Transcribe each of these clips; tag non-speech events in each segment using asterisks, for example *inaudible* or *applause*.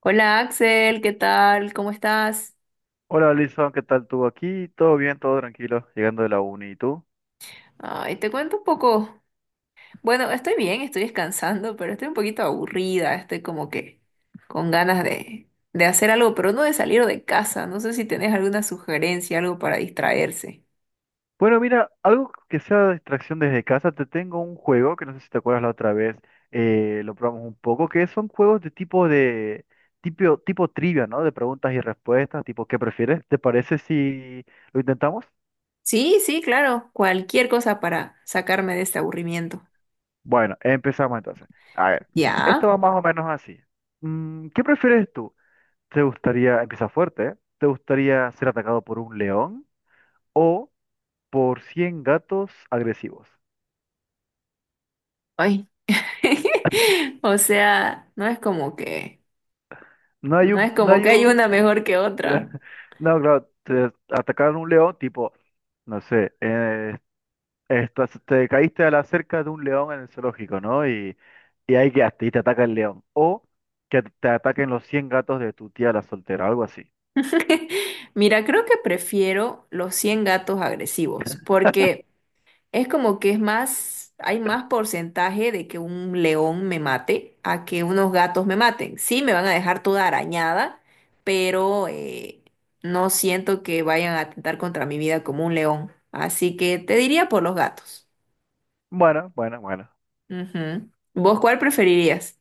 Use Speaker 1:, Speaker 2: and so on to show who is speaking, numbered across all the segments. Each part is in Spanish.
Speaker 1: Hola Axel, ¿qué tal? ¿Cómo estás?
Speaker 2: Hola, Alison, ¿qué tal tú aquí? ¿Todo bien, todo tranquilo, llegando de la uni, y tú?
Speaker 1: Ay, te cuento un poco. Bueno, estoy bien, estoy descansando, pero estoy un poquito aburrida, estoy como que con ganas de hacer algo, pero no de salir de casa. No sé si tenés alguna sugerencia, algo para distraerse.
Speaker 2: Bueno, mira, algo que sea distracción desde casa, te tengo un juego que no sé si te acuerdas la otra vez, lo probamos un poco, que son juegos de tipo trivia, ¿no? De preguntas y respuestas, tipo, ¿qué prefieres? ¿Te parece si lo intentamos?
Speaker 1: Sí, sí, claro, cualquier cosa para sacarme de este aburrimiento.
Speaker 2: Bueno, empezamos entonces. A ver, esto
Speaker 1: ¿Ya?
Speaker 2: va más o menos así. ¿Qué prefieres tú? ¿Te gustaría? Empieza fuerte, ¿eh? ¿Te gustaría ser atacado por un león o por 100 gatos agresivos?
Speaker 1: Ay. *laughs* O sea, no es como que,
Speaker 2: No hay
Speaker 1: no es
Speaker 2: un, no
Speaker 1: como que
Speaker 2: hay
Speaker 1: hay
Speaker 2: un,
Speaker 1: una mejor que otra.
Speaker 2: *laughs* no, claro, te atacaron un león, tipo, no sé, te caíste a la cerca de un león en el zoológico, ¿no? Y ahí quedaste, y te ataca el león. O que te ataquen los 100 gatos de tu tía la soltera, algo así.
Speaker 1: *laughs* Mira, creo que prefiero los 100 gatos agresivos, porque es como que es más, hay más porcentaje de que un león me mate a que unos gatos me maten. Sí, me van a dejar toda arañada, pero no siento que vayan a atentar contra mi vida como un león. Así que te diría por los gatos.
Speaker 2: Bueno, bueno, bueno.
Speaker 1: Ujú. ¿Vos cuál preferirías?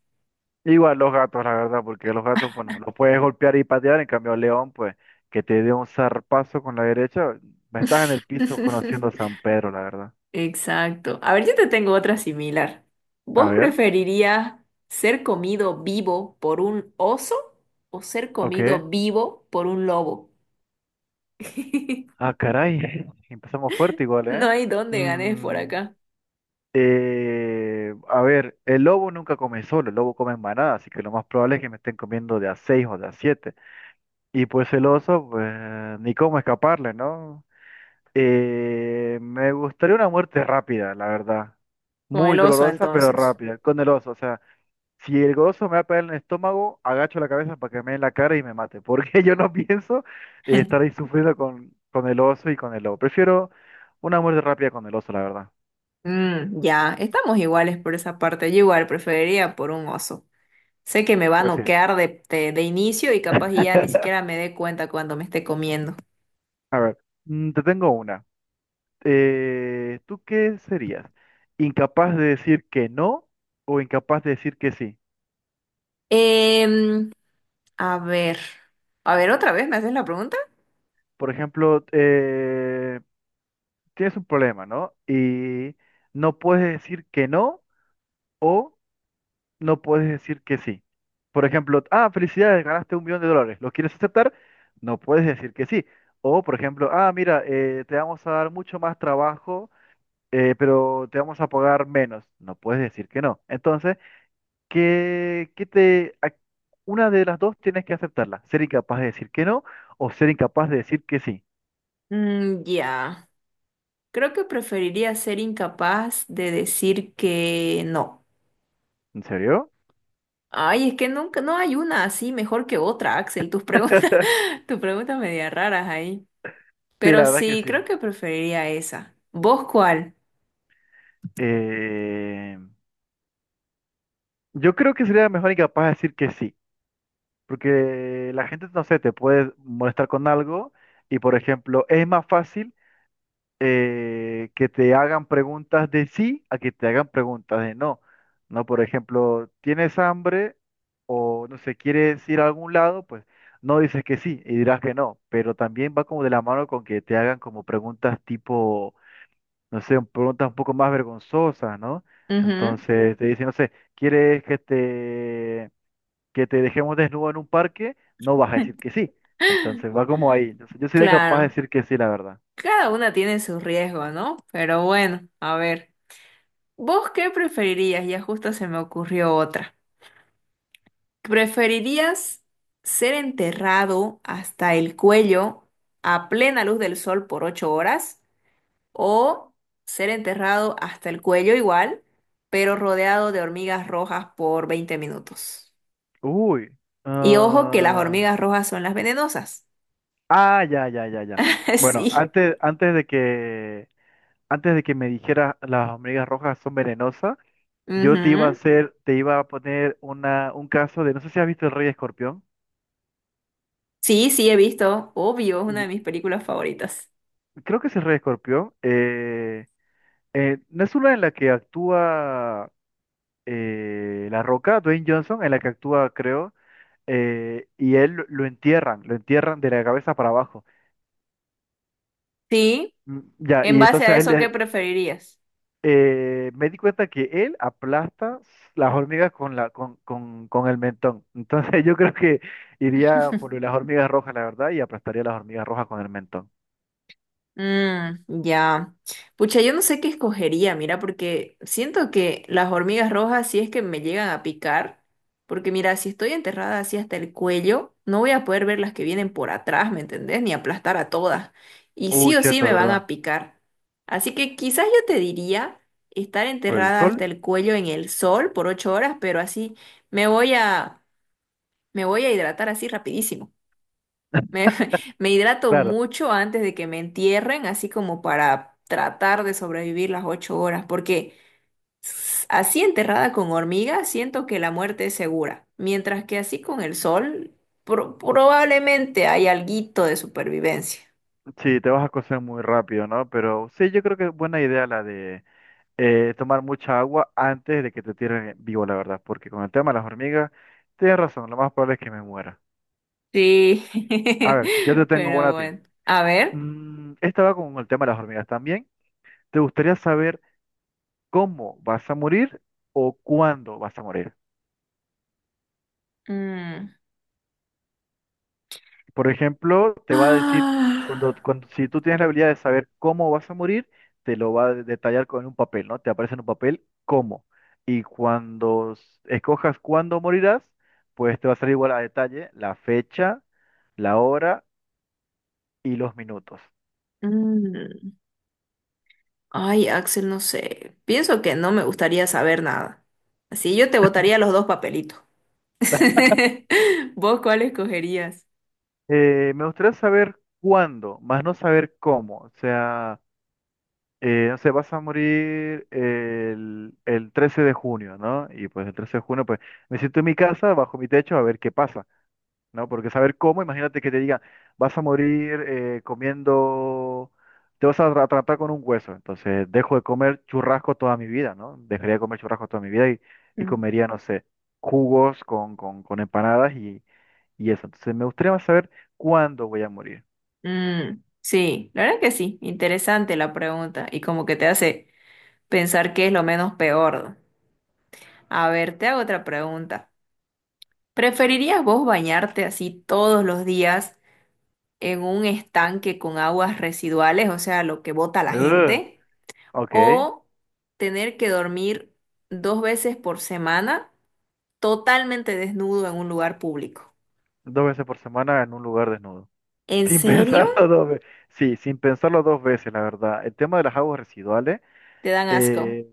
Speaker 2: Igual los gatos, la verdad, porque los gatos, bueno, los puedes golpear y patear, en cambio el león, pues, que te dé un zarpazo con la derecha, estás en el piso conociendo a
Speaker 1: *laughs*
Speaker 2: San Pedro, la verdad.
Speaker 1: Exacto. A ver, yo te tengo otra similar.
Speaker 2: A
Speaker 1: ¿Vos
Speaker 2: ver,
Speaker 1: preferirías ser comido vivo por un oso o ser
Speaker 2: ok.
Speaker 1: comido vivo por un lobo? *laughs*
Speaker 2: Ah, caray. *laughs* Empezamos fuerte igual,
Speaker 1: No
Speaker 2: ¿eh?
Speaker 1: hay dónde ganes por
Speaker 2: Mm,
Speaker 1: acá.
Speaker 2: a ver, el lobo nunca come solo, el lobo come en manada, así que lo más probable es que me estén comiendo de a seis o de a siete. Y pues el oso, pues ni cómo escaparle, ¿no? Me gustaría una muerte rápida, la verdad.
Speaker 1: Con
Speaker 2: Muy
Speaker 1: el oso,
Speaker 2: dolorosa, pero
Speaker 1: entonces.
Speaker 2: rápida, con el oso, o sea. Si el gozo me va a pegar en el estómago, agacho la cabeza para que me dé en la cara y me mate, porque *laughs* yo no pienso estar
Speaker 1: *laughs*
Speaker 2: ahí sufriendo con, el oso y con el lobo. Prefiero una muerte rápida con el oso, la verdad.
Speaker 1: Mm, ya, estamos iguales por esa parte. Yo igual preferiría por un oso. Sé que me va a
Speaker 2: Pues sí.
Speaker 1: noquear de inicio y capaz y ya ni siquiera
Speaker 2: *laughs*
Speaker 1: me dé cuenta cuando me esté comiendo.
Speaker 2: A ver, te tengo una. ¿Tú qué serías? ¿Incapaz de decir que no o incapaz de decir que sí?
Speaker 1: Em, a ver, otra vez, ¿me haces la pregunta?
Speaker 2: Por ejemplo, tienes un problema, ¿no? Y no puedes decir que no. No puedes decir que sí. Por ejemplo, ah, felicidades, ganaste 1 millón de dólares, ¿lo quieres aceptar? No puedes decir que sí. O, por ejemplo, ah, mira, te vamos a dar mucho más trabajo, pero te vamos a pagar menos. No puedes decir que no. Entonces, ¿qué, qué te, a- una de las dos tienes que aceptarla: ser incapaz de decir que no o ser incapaz de decir que sí.
Speaker 1: Mm, ya, creo que preferiría ser incapaz de decir que no.
Speaker 2: ¿En serio?
Speaker 1: Ay, es que nunca, no hay una así mejor que otra, Axel. Tus preguntas,
Speaker 2: *laughs*
Speaker 1: *laughs* tus preguntas media raras ahí.
Speaker 2: Sí,
Speaker 1: Pero
Speaker 2: la verdad que
Speaker 1: sí,
Speaker 2: sí.
Speaker 1: creo que preferiría esa. ¿Vos cuál?
Speaker 2: Eh, yo creo que sería mejor incapaz de decir que sí. Porque la gente, no sé, te puede molestar con algo y, por ejemplo, es más fácil que te hagan preguntas de sí a que te hagan preguntas de no. No, por ejemplo, ¿tienes hambre o, no sé, quieres ir a algún lado? Pues no dices que sí y dirás que no, pero también va como de la mano con que te hagan como preguntas tipo, no sé, preguntas un poco más vergonzosas, ¿no?
Speaker 1: Ujú,
Speaker 2: Entonces te dicen, no sé, ¿quieres que te dejemos desnudo en un parque? No vas a decir que sí. Entonces va como ahí. Entonces, yo sería capaz de
Speaker 1: claro.
Speaker 2: decir que sí, la verdad.
Speaker 1: Cada una tiene su riesgo, ¿no? Pero bueno, a ver. ¿Vos qué preferirías? Ya justo se me ocurrió otra. ¿Preferirías ser enterrado hasta el cuello a plena luz del sol por 8 horas o ser enterrado hasta el cuello igual, pero rodeado de hormigas rojas por 20 minutos?
Speaker 2: Uy.
Speaker 1: Y ojo que las
Speaker 2: ah,
Speaker 1: hormigas rojas son las venenosas.
Speaker 2: ah, ya, ya, ya, ya.
Speaker 1: *laughs*
Speaker 2: Bueno,
Speaker 1: Sí.
Speaker 2: antes de que me dijeras las hormigas rojas son venenosas, yo
Speaker 1: Ujú.
Speaker 2: te iba a poner un caso de, no sé si has visto El Rey Escorpión.
Speaker 1: Sí, sí, he visto. Obvio, es una de
Speaker 2: Y-
Speaker 1: mis películas favoritas.
Speaker 2: Creo que es El Rey Escorpión. No es una en la que actúa La Roca, Dwayne Johnson, en la que actúa, creo. Y él lo entierran, lo entierran de la cabeza para abajo.
Speaker 1: Sí.
Speaker 2: Ya,
Speaker 1: En
Speaker 2: y
Speaker 1: base
Speaker 2: entonces
Speaker 1: a
Speaker 2: a él
Speaker 1: eso, ¿qué preferirías?
Speaker 2: me di cuenta que él aplasta las hormigas con el mentón. Entonces *laughs* yo creo que iría por las hormigas rojas, la verdad, y aplastaría las hormigas rojas con el mentón.
Speaker 1: Mm, ya. Pucha, yo no sé qué escogería, mira, porque siento que las hormigas rojas, si es que me llegan a picar, porque mira, si estoy enterrada así hasta el cuello, no voy a poder ver las que vienen por atrás, ¿me entendés? Ni aplastar a todas. Y sí
Speaker 2: Uy,
Speaker 1: o sí
Speaker 2: cierto,
Speaker 1: me van a
Speaker 2: ¿verdad?
Speaker 1: picar. Así que quizás yo te diría estar
Speaker 2: Por el
Speaker 1: enterrada
Speaker 2: sol,
Speaker 1: hasta el cuello en el sol por 8 horas, pero así me voy a, me voy a hidratar así rapidísimo. Me, *laughs* me hidrato
Speaker 2: claro,
Speaker 1: mucho antes de que me entierren, así como para tratar de sobrevivir las 8 horas, porque así enterrada con hormigas siento que la muerte es segura, mientras que así con el sol probablemente hay alguito de supervivencia.
Speaker 2: sí, te vas a cocer muy rápido, ¿no? Pero sí, yo creo que es buena idea la de tomar mucha agua antes de que te tiren vivo, la verdad, porque con el tema de las hormigas, tienes razón, lo más probable es que me muera.
Speaker 1: Sí,
Speaker 2: A ver, yo te
Speaker 1: *laughs*
Speaker 2: tengo una
Speaker 1: pero
Speaker 2: a ti.
Speaker 1: bueno, a ver.
Speaker 2: Esta va con el tema de las hormigas también. ¿Te gustaría saber cómo vas a morir o cuándo vas a morir?
Speaker 1: Mm.
Speaker 2: Por ejemplo, te va a decir,
Speaker 1: Ah,
Speaker 2: si tú tienes la habilidad de saber cómo vas a morir, te lo va a detallar con un papel, ¿no? Te aparece en un papel cómo. Y cuando escojas cuándo morirás, pues te va a salir igual a detalle la fecha, la hora y los minutos.
Speaker 1: mm. Ay, Axel, no sé. Pienso que no me gustaría saber nada. Así yo te botaría los dos papelitos. *laughs* ¿Vos cuál escogerías?
Speaker 2: Me gustaría saber cuándo, más no saber cómo. O sea... No sé, vas a morir el 13 de junio, ¿no? Y pues el 13 de junio, pues me siento en mi casa, bajo mi techo, a ver qué pasa, ¿no? Porque saber cómo, imagínate que te diga, vas a morir comiendo, te vas a tratar con un hueso, entonces dejo de comer churrasco toda mi vida, ¿no? Dejaría de comer churrasco toda mi vida y
Speaker 1: Mm.
Speaker 2: comería, no sé, jugos con empanadas y eso. Entonces me gustaría más saber cuándo voy a morir.
Speaker 1: Mm, sí, la verdad que sí, interesante la pregunta y como que te hace pensar qué es lo menos peor. A ver, te hago otra pregunta. ¿Preferirías vos bañarte así todos los días en un estanque con aguas residuales, o sea, lo que bota la
Speaker 2: Ugh,
Speaker 1: gente,
Speaker 2: ok,
Speaker 1: o tener que dormir dos veces por semana totalmente desnudo en un lugar público?
Speaker 2: dos veces por semana en un lugar desnudo.
Speaker 1: ¿En
Speaker 2: Sin *laughs*
Speaker 1: serio?
Speaker 2: pensarlo dos veces. Sí, sin pensarlo dos veces, la verdad. El tema de las aguas residuales,
Speaker 1: Te dan asco.
Speaker 2: eh,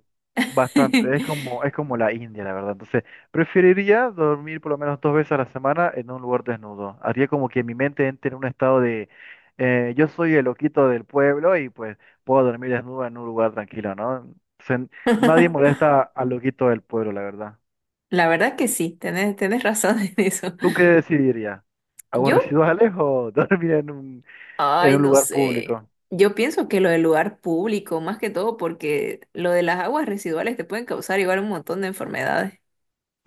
Speaker 2: bastante,
Speaker 1: *laughs*
Speaker 2: es como la India, la verdad. Entonces, preferiría dormir por lo menos dos veces a la semana en un lugar desnudo. Haría como que mi mente entre en un estado de, yo soy el loquito del pueblo y pues puedo dormir desnudo en un lugar tranquilo, ¿no? Se- Nadie
Speaker 1: *laughs*
Speaker 2: molesta al loquito del pueblo, la verdad.
Speaker 1: La verdad que sí, tenés razón *laughs* en eso.
Speaker 2: ¿Tú qué decidirías? ¿Aguas
Speaker 1: Yo,
Speaker 2: residuales o *laughs* dormir en un, en
Speaker 1: ay,
Speaker 2: un
Speaker 1: no
Speaker 2: lugar
Speaker 1: sé.
Speaker 2: público?
Speaker 1: Yo pienso que lo del lugar público, más que todo, porque lo de las aguas residuales te pueden causar igual un montón de enfermedades.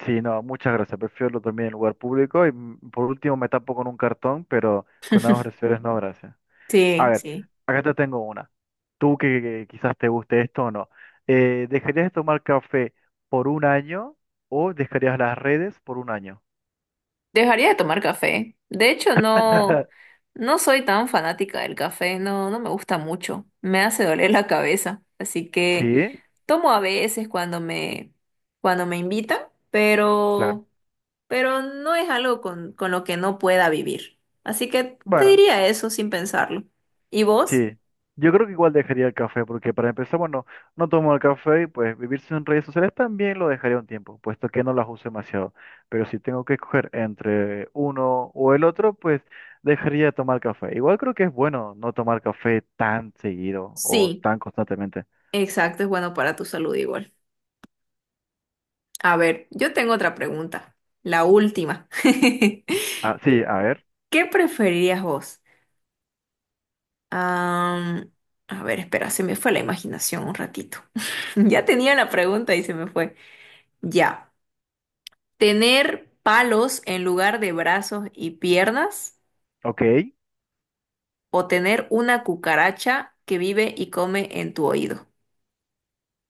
Speaker 2: Sí, no, muchas gracias. Prefiero dormir en lugar público y por último me tapo con un cartón, pero con aguas residuales no, gracias. A
Speaker 1: Sí,
Speaker 2: ver,
Speaker 1: sí.
Speaker 2: acá te tengo una. Tú que quizás te guste esto o no. ¿Dejarías de tomar café por un año o dejarías las redes por un año?
Speaker 1: Dejaría de tomar café. De hecho,
Speaker 2: *laughs*
Speaker 1: no, no soy tan fanática del café, no, no me gusta mucho. Me hace doler la cabeza. Así que
Speaker 2: Sí,
Speaker 1: tomo a veces cuando me invitan,
Speaker 2: claro.
Speaker 1: pero. Pero no es algo con lo que no pueda vivir. Así que te
Speaker 2: Bueno.
Speaker 1: diría eso sin pensarlo. ¿Y vos?
Speaker 2: Sí, yo creo que igual dejaría el café, porque para empezar, bueno, no tomo el café y pues vivir sin redes sociales también lo dejaría un tiempo, puesto que no las uso demasiado. Pero si tengo que escoger entre uno o el otro, pues dejaría de tomar café. Igual creo que es bueno no tomar café tan seguido o
Speaker 1: Sí,
Speaker 2: tan constantemente.
Speaker 1: exacto, es bueno para tu salud igual. A ver, yo tengo otra pregunta, la última. *laughs*
Speaker 2: Ah, sí, a ver,
Speaker 1: ¿Qué preferirías vos? Am, a ver, espera, se me fue la imaginación un ratito. *laughs* Ya tenía la pregunta y se me fue. Ya. ¿Tener palos en lugar de brazos y piernas
Speaker 2: ok.
Speaker 1: o tener una cucaracha que vive y come en tu oído?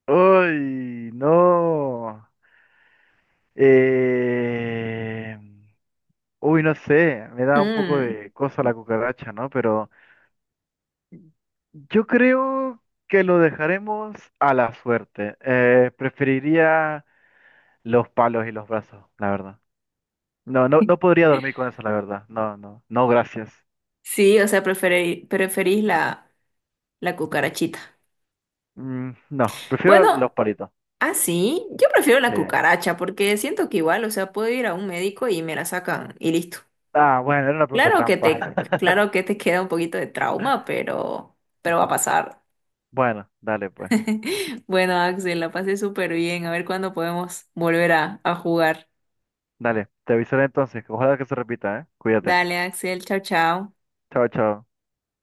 Speaker 2: Uy, no. Eh... Uy, no sé, me da un poco
Speaker 1: Mm.
Speaker 2: de cosa la cucaracha, ¿no? Pero... Yo creo que lo dejaremos a la suerte. Preferiría los palos y los brazos, la verdad. No, no, no podría dormir con eso, la verdad. No, no, no, gracias.
Speaker 1: Sí, o sea, preferís la cucarachita.
Speaker 2: Mm, no, prefiero los
Speaker 1: Bueno,
Speaker 2: palitos.
Speaker 1: así, yo prefiero la
Speaker 2: Sí.
Speaker 1: cucaracha porque siento que igual, o sea, puedo ir a un médico y me la sacan y listo.
Speaker 2: Ah, bueno, era una pregunta
Speaker 1: Claro que
Speaker 2: trampa.
Speaker 1: te,
Speaker 2: *laughs*
Speaker 1: claro que te *laughs* queda un poquito de trauma, pero va a pasar.
Speaker 2: Bueno, dale pues.
Speaker 1: *laughs* Bueno, Axel, la pasé súper bien. A ver cuándo podemos volver a jugar.
Speaker 2: Dale, te avisaré entonces. Ojalá que se repita, ¿eh? Cuídate.
Speaker 1: Dale, Axel, chao, chao.
Speaker 2: Chao, chao.